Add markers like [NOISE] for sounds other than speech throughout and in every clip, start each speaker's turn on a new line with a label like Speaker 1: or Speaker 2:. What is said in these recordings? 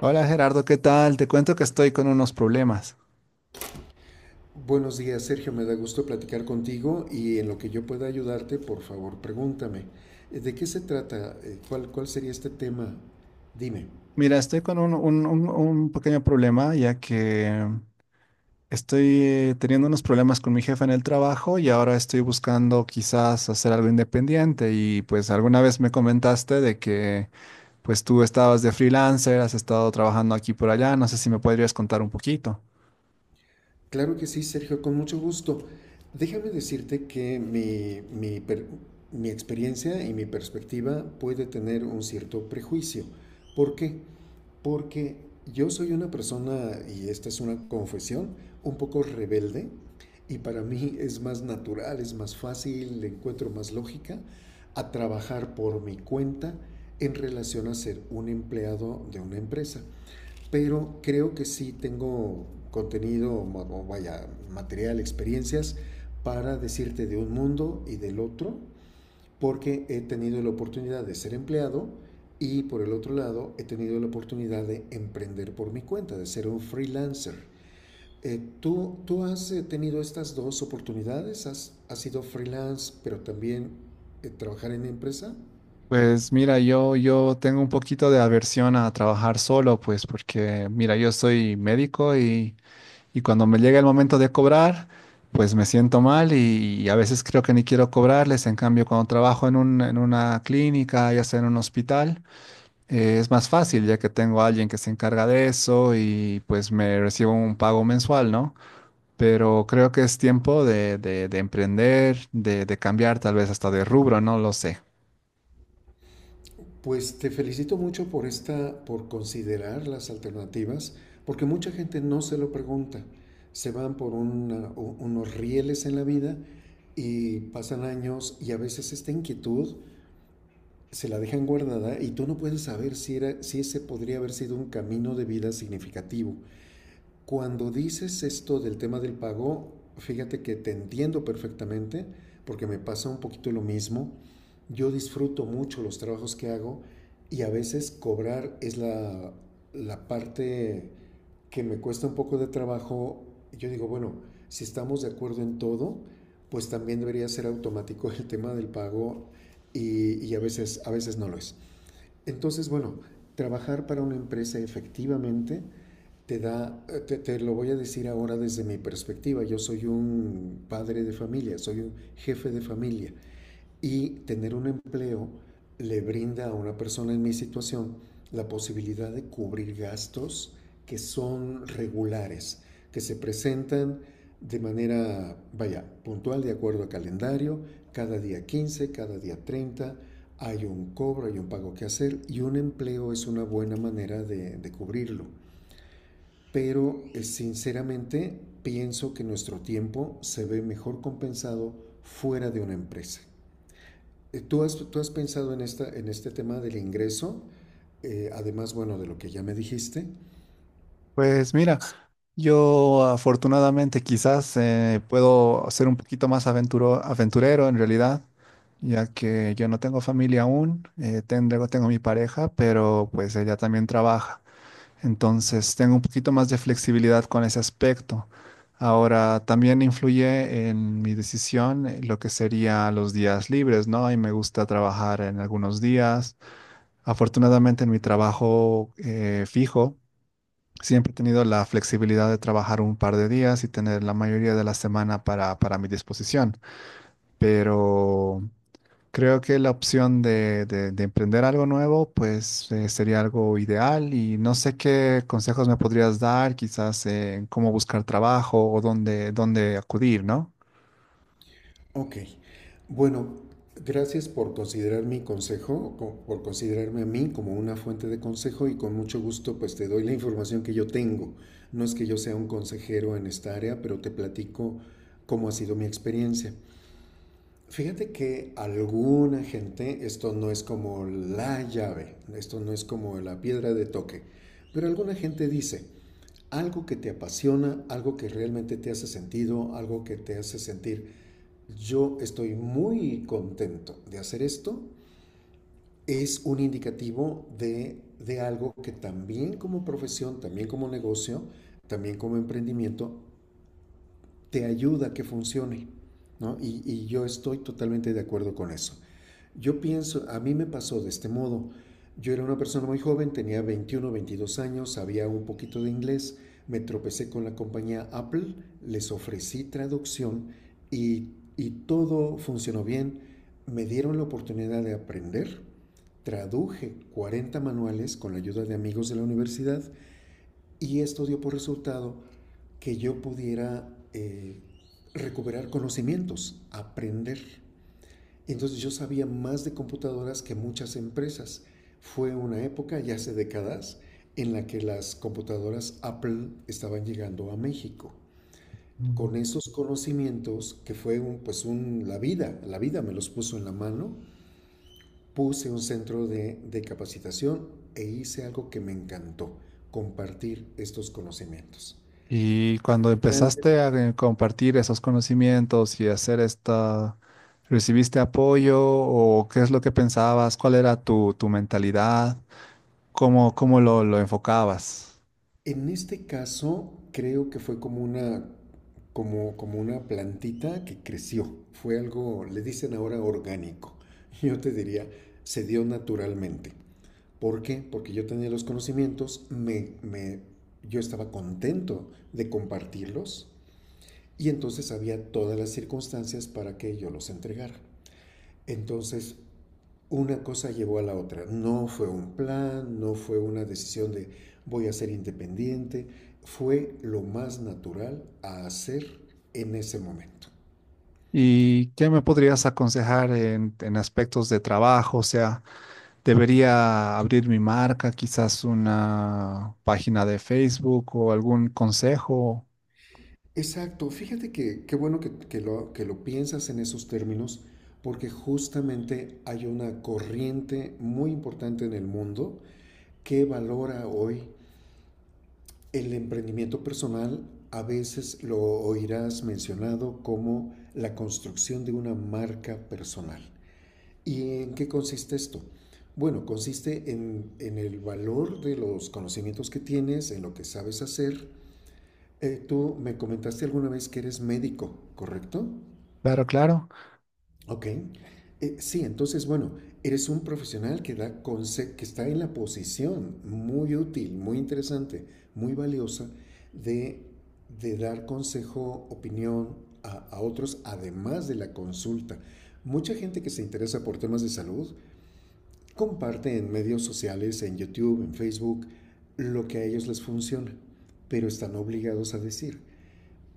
Speaker 1: Hola Gerardo, ¿qué tal? Te cuento que estoy con unos problemas.
Speaker 2: Buenos días, Sergio. Me da gusto platicar contigo y en lo que yo pueda ayudarte, por favor, pregúntame. ¿De qué se trata? ¿Cuál sería este tema? Dime.
Speaker 1: Mira, estoy con un pequeño problema ya que estoy teniendo unos problemas con mi jefe en el trabajo y ahora estoy buscando quizás hacer algo independiente y pues alguna vez me comentaste de que pues tú estabas de freelancer, has estado trabajando aquí por allá, no sé si me podrías contar un poquito.
Speaker 2: Claro que sí, Sergio, con mucho gusto. Déjame decirte que mi experiencia y mi perspectiva puede tener un cierto prejuicio. ¿Por qué? Porque yo soy una persona, y esta es una confesión, un poco rebelde, y para mí es más natural, es más fácil, le encuentro más lógica a trabajar por mi cuenta en relación a ser un empleado de una empresa. Pero creo que sí tengo contenido, vaya, material, experiencias para decirte de un mundo y del otro porque he tenido la oportunidad de ser empleado y por el otro lado he tenido la oportunidad de emprender por mi cuenta, de ser un freelancer. ¿Tú has tenido estas dos oportunidades? ¿Has sido freelance pero también trabajar en empresa?
Speaker 1: Pues mira, yo tengo un poquito de aversión a trabajar solo, pues porque mira, yo soy médico y... Y cuando me llega el momento de cobrar, pues me siento mal y a veces creo que ni quiero cobrarles. En cambio, cuando trabajo en en una clínica, ya sea en un hospital, es más fácil ya que tengo a alguien que se encarga de eso y pues me recibo un pago mensual, ¿no? Pero creo que es tiempo de emprender, de cambiar, tal vez hasta de rubro, no lo sé.
Speaker 2: Pues te felicito mucho por esta, por considerar las alternativas, porque mucha gente no se lo pregunta. Se van por unos rieles en la vida y pasan años y a veces esta inquietud se la dejan guardada y tú no puedes saber si ese podría haber sido un camino de vida significativo. Cuando dices esto del tema del pago, fíjate que te entiendo perfectamente porque me pasa un poquito lo mismo. Yo disfruto mucho los trabajos que hago y a veces cobrar es la parte que me cuesta un poco de trabajo. Yo digo, bueno, si estamos de acuerdo en todo, pues también debería ser automático el tema del pago a veces no lo es. Entonces, bueno, trabajar para una empresa efectivamente te da, te, te, lo voy a decir ahora desde mi perspectiva, yo soy un padre de familia, soy un jefe de familia. Y tener un empleo le brinda a una persona en mi situación la posibilidad de cubrir gastos que son regulares, que se presentan de manera, vaya, puntual, de acuerdo a calendario, cada día 15, cada día 30 hay un cobro, hay un pago que hacer y un empleo es una buena manera de cubrirlo. Pero sinceramente pienso que nuestro tiempo se ve mejor compensado fuera de una empresa. ¿Tú has pensado en este tema del ingreso? Además, bueno, de lo que ya me dijiste.
Speaker 1: Pues mira, yo afortunadamente quizás puedo ser un poquito más aventurero en realidad, ya que yo no tengo familia aún, tengo mi pareja, pero pues ella también trabaja. Entonces tengo un poquito más de flexibilidad con ese aspecto. Ahora también influye en mi decisión lo que sería los días libres, ¿no? Y me gusta trabajar en algunos días. Afortunadamente en mi trabajo fijo. Siempre he tenido la flexibilidad de trabajar un par de días y tener la mayoría de la semana para mi disposición, pero creo que la opción de emprender algo nuevo, pues sería algo ideal y no sé qué consejos me podrías dar, quizás en cómo buscar trabajo o dónde, dónde acudir, ¿no?
Speaker 2: Ok. Bueno, gracias por considerar mi consejo, por considerarme a mí como una fuente de consejo y con mucho gusto pues te doy la información que yo tengo. No es que yo sea un consejero en esta área, pero te platico cómo ha sido mi experiencia. Fíjate que alguna gente, esto no es como la llave, esto no es como la piedra de toque, pero alguna gente dice, algo que te apasiona, algo que realmente te hace sentido, algo que te hace sentir, yo estoy muy contento de hacer esto, es un indicativo de algo que también como profesión, también como negocio, también como emprendimiento, te ayuda a que funcione. ¿No? Y yo estoy totalmente de acuerdo con eso. Yo pienso, a mí me pasó de este modo. Yo era una persona muy joven, tenía 21, 22 años, sabía un poquito de inglés, me tropecé con la compañía Apple, les ofrecí traducción y, y todo funcionó bien. Me dieron la oportunidad de aprender, traduje 40 manuales con la ayuda de amigos de la universidad y esto dio por resultado que yo pudiera recuperar conocimientos, aprender. Entonces yo sabía más de computadoras que muchas empresas. Fue una época, ya hace décadas, en la que las computadoras Apple estaban llegando a México. Con esos conocimientos, que fue un, pues un, la vida me los puso en la mano, puse un centro de capacitación e hice algo que me encantó, compartir estos conocimientos.
Speaker 1: Y cuando empezaste a compartir esos conocimientos y hacer esta, ¿recibiste apoyo o qué es lo que pensabas? ¿Cuál era tu mentalidad? ¿Cómo, cómo lo enfocabas?
Speaker 2: En este caso, creo que fue como una plantita que creció. Fue algo, le dicen ahora orgánico. [LAUGHS] Yo te diría, se dio naturalmente. ¿Por qué? Porque yo tenía los conocimientos, yo estaba contento de compartirlos y entonces había todas las circunstancias para que yo los entregara. Entonces, una cosa llevó a la otra. No fue un plan, no fue una decisión de voy a ser independiente, fue lo más natural a hacer en ese momento.
Speaker 1: ¿Y qué me podrías aconsejar en aspectos de trabajo? O sea,
Speaker 2: Ok.
Speaker 1: ¿debería abrir mi marca, quizás una página de Facebook o algún consejo?
Speaker 2: Exacto, fíjate que qué bueno que lo piensas en esos términos, porque justamente hay una corriente muy importante en el mundo que valora hoy el emprendimiento personal. A veces lo oirás mencionado como la construcción de una marca personal. ¿Y en qué consiste esto? Bueno, consiste en el valor de los conocimientos que tienes, en lo que sabes hacer. Tú me comentaste alguna vez que eres médico, ¿correcto?
Speaker 1: Claro, claro.
Speaker 2: Ok. Sí, entonces, bueno, eres un profesional que está en la posición muy útil, muy interesante, muy valiosa de, de dar consejo, opinión a otros, además de la consulta. Mucha gente que se interesa por temas de salud comparte en medios sociales, en YouTube, en Facebook, lo que a ellos les funciona, pero están obligados a decir: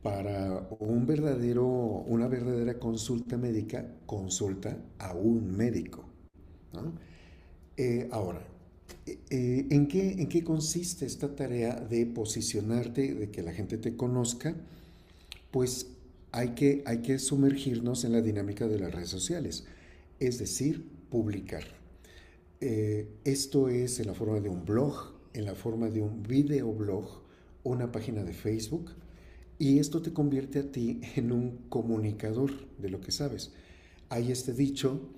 Speaker 2: para una verdadera consulta médica, consulta a un médico. ¿No? Ahora, ¿en qué consiste esta tarea de posicionarte, de que la gente te conozca? Pues hay que sumergirnos en la dinámica de las redes sociales, es decir, publicar. Esto es en la forma de un blog, en la forma de un videoblog, una página de Facebook, y esto te convierte a ti [LAUGHS] en un comunicador de lo que sabes. Hay este dicho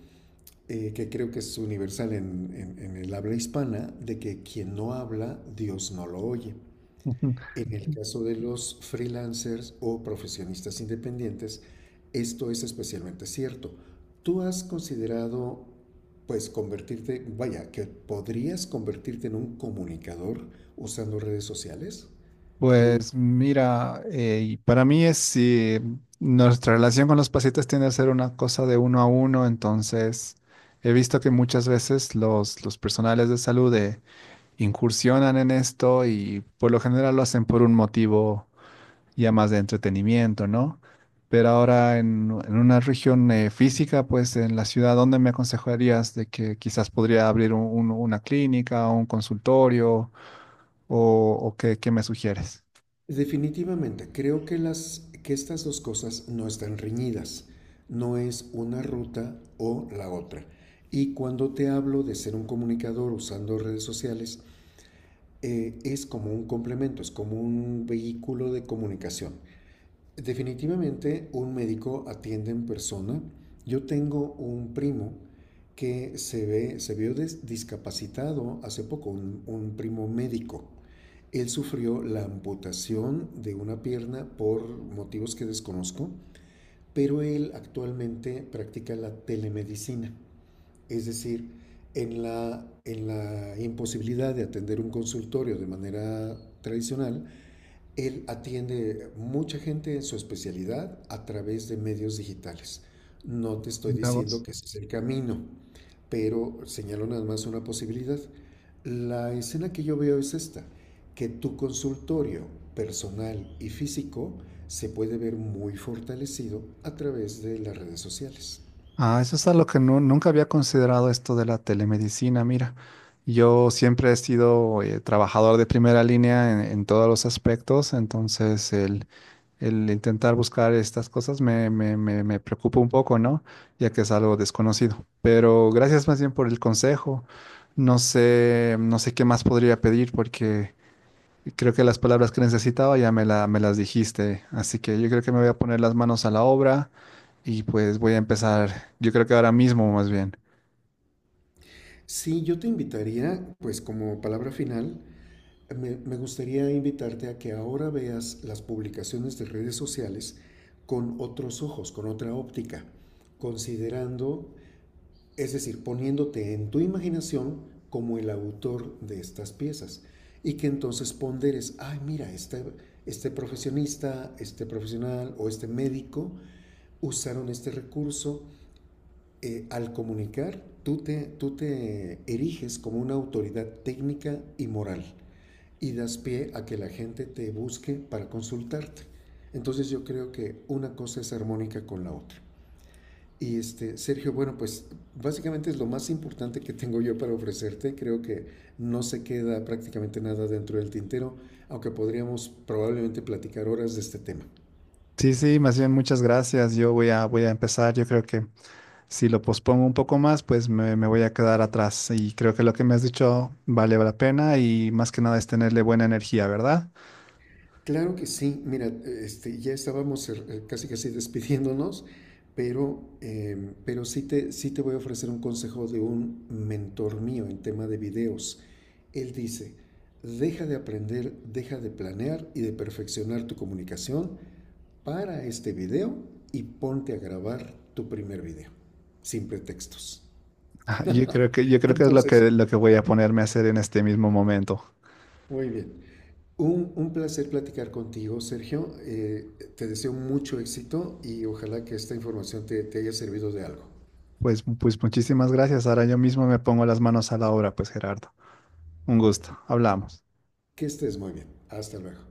Speaker 2: que creo que es universal en el habla hispana, de que quien no habla, Dios no lo oye.
Speaker 1: [LAUGHS]
Speaker 2: En el caso de los freelancers o profesionistas independientes, esto es especialmente cierto. ¿Tú has considerado, pues, convertirte, vaya, que podrías convertirte en un comunicador usando redes sociales? Tú,
Speaker 1: Pues mira, y para mí es si nuestra relación con los pacientes tiende a ser una cosa de uno a uno, entonces he visto que muchas veces los personales de salud incursionan en esto y por lo general lo hacen por un motivo. Ya más de entretenimiento, ¿no? Pero ahora en una región física, pues en la ciudad, ¿dónde me aconsejarías de que quizás podría abrir una clínica, un consultorio o qué, qué me sugieres?
Speaker 2: Definitivamente, creo que que estas dos cosas no están reñidas. No es una ruta o la otra. Y cuando te hablo de ser un comunicador usando redes sociales, es como un complemento, es como un vehículo de comunicación. Definitivamente un médico atiende en persona. Yo tengo un primo que se vio discapacitado hace poco, un primo médico. Él sufrió la amputación de una pierna por motivos que desconozco, pero él actualmente practica la telemedicina. Es decir, en la imposibilidad de atender un consultorio de manera tradicional, él atiende mucha gente en su especialidad a través de medios digitales. No te estoy
Speaker 1: Mira
Speaker 2: diciendo
Speaker 1: vos.
Speaker 2: que ese es el camino, pero señalo nada más una posibilidad. La escena que yo veo es esta, que tu consultorio personal y físico se puede ver muy fortalecido a través de las redes sociales.
Speaker 1: Ah, eso es algo que nunca había considerado esto de la telemedicina. Mira, yo siempre he sido trabajador de primera línea en todos los aspectos, entonces el intentar buscar estas cosas me preocupa un poco, ¿no? Ya que es algo desconocido. Pero gracias más bien por el consejo. No sé, no sé qué más podría pedir porque creo que las palabras que necesitaba ya me las dijiste. Así que yo creo que me voy a poner las manos a la obra y pues voy a empezar. Yo creo que ahora mismo más bien.
Speaker 2: Sí, yo te invitaría, pues como palabra final, me gustaría invitarte a que ahora veas las publicaciones de redes sociales con otros ojos, con otra óptica, considerando, es decir, poniéndote en tu imaginación como el autor de estas piezas y que entonces ponderes, ay, mira, este, profesionista, este profesional o este médico usaron este recurso al comunicar, tú te eriges como una autoridad técnica y moral y das pie a que la gente te busque para consultarte. Entonces yo creo que una cosa es armónica con la otra. Y Sergio, bueno, pues básicamente es lo más importante que tengo yo para ofrecerte. Creo que no se queda prácticamente nada dentro del tintero, aunque podríamos probablemente platicar horas de este tema.
Speaker 1: Sí, sí, más bien muchas gracias. Voy a empezar. Yo creo que si lo pospongo un poco más, pues me voy a quedar atrás. Y creo que lo que me has dicho vale la pena y más que nada es tenerle buena energía, ¿verdad?
Speaker 2: Claro que sí, mira, ya estábamos casi casi despidiéndonos, pero sí te voy a ofrecer un consejo de un mentor mío en tema de videos. Él dice, deja de aprender, deja de planear y de perfeccionar tu comunicación para este video y ponte a grabar tu primer video, sin pretextos.
Speaker 1: Ah, yo creo que, yo creo que es
Speaker 2: Entonces,
Speaker 1: lo que voy a ponerme a hacer en este mismo momento.
Speaker 2: muy bien. Un placer platicar contigo, Sergio. Te deseo mucho éxito y ojalá que esta información te haya servido de algo.
Speaker 1: Pues, pues muchísimas gracias. Ahora yo mismo me pongo las manos a la obra, pues Gerardo. Un gusto. Hablamos.
Speaker 2: Que estés muy bien. Hasta luego.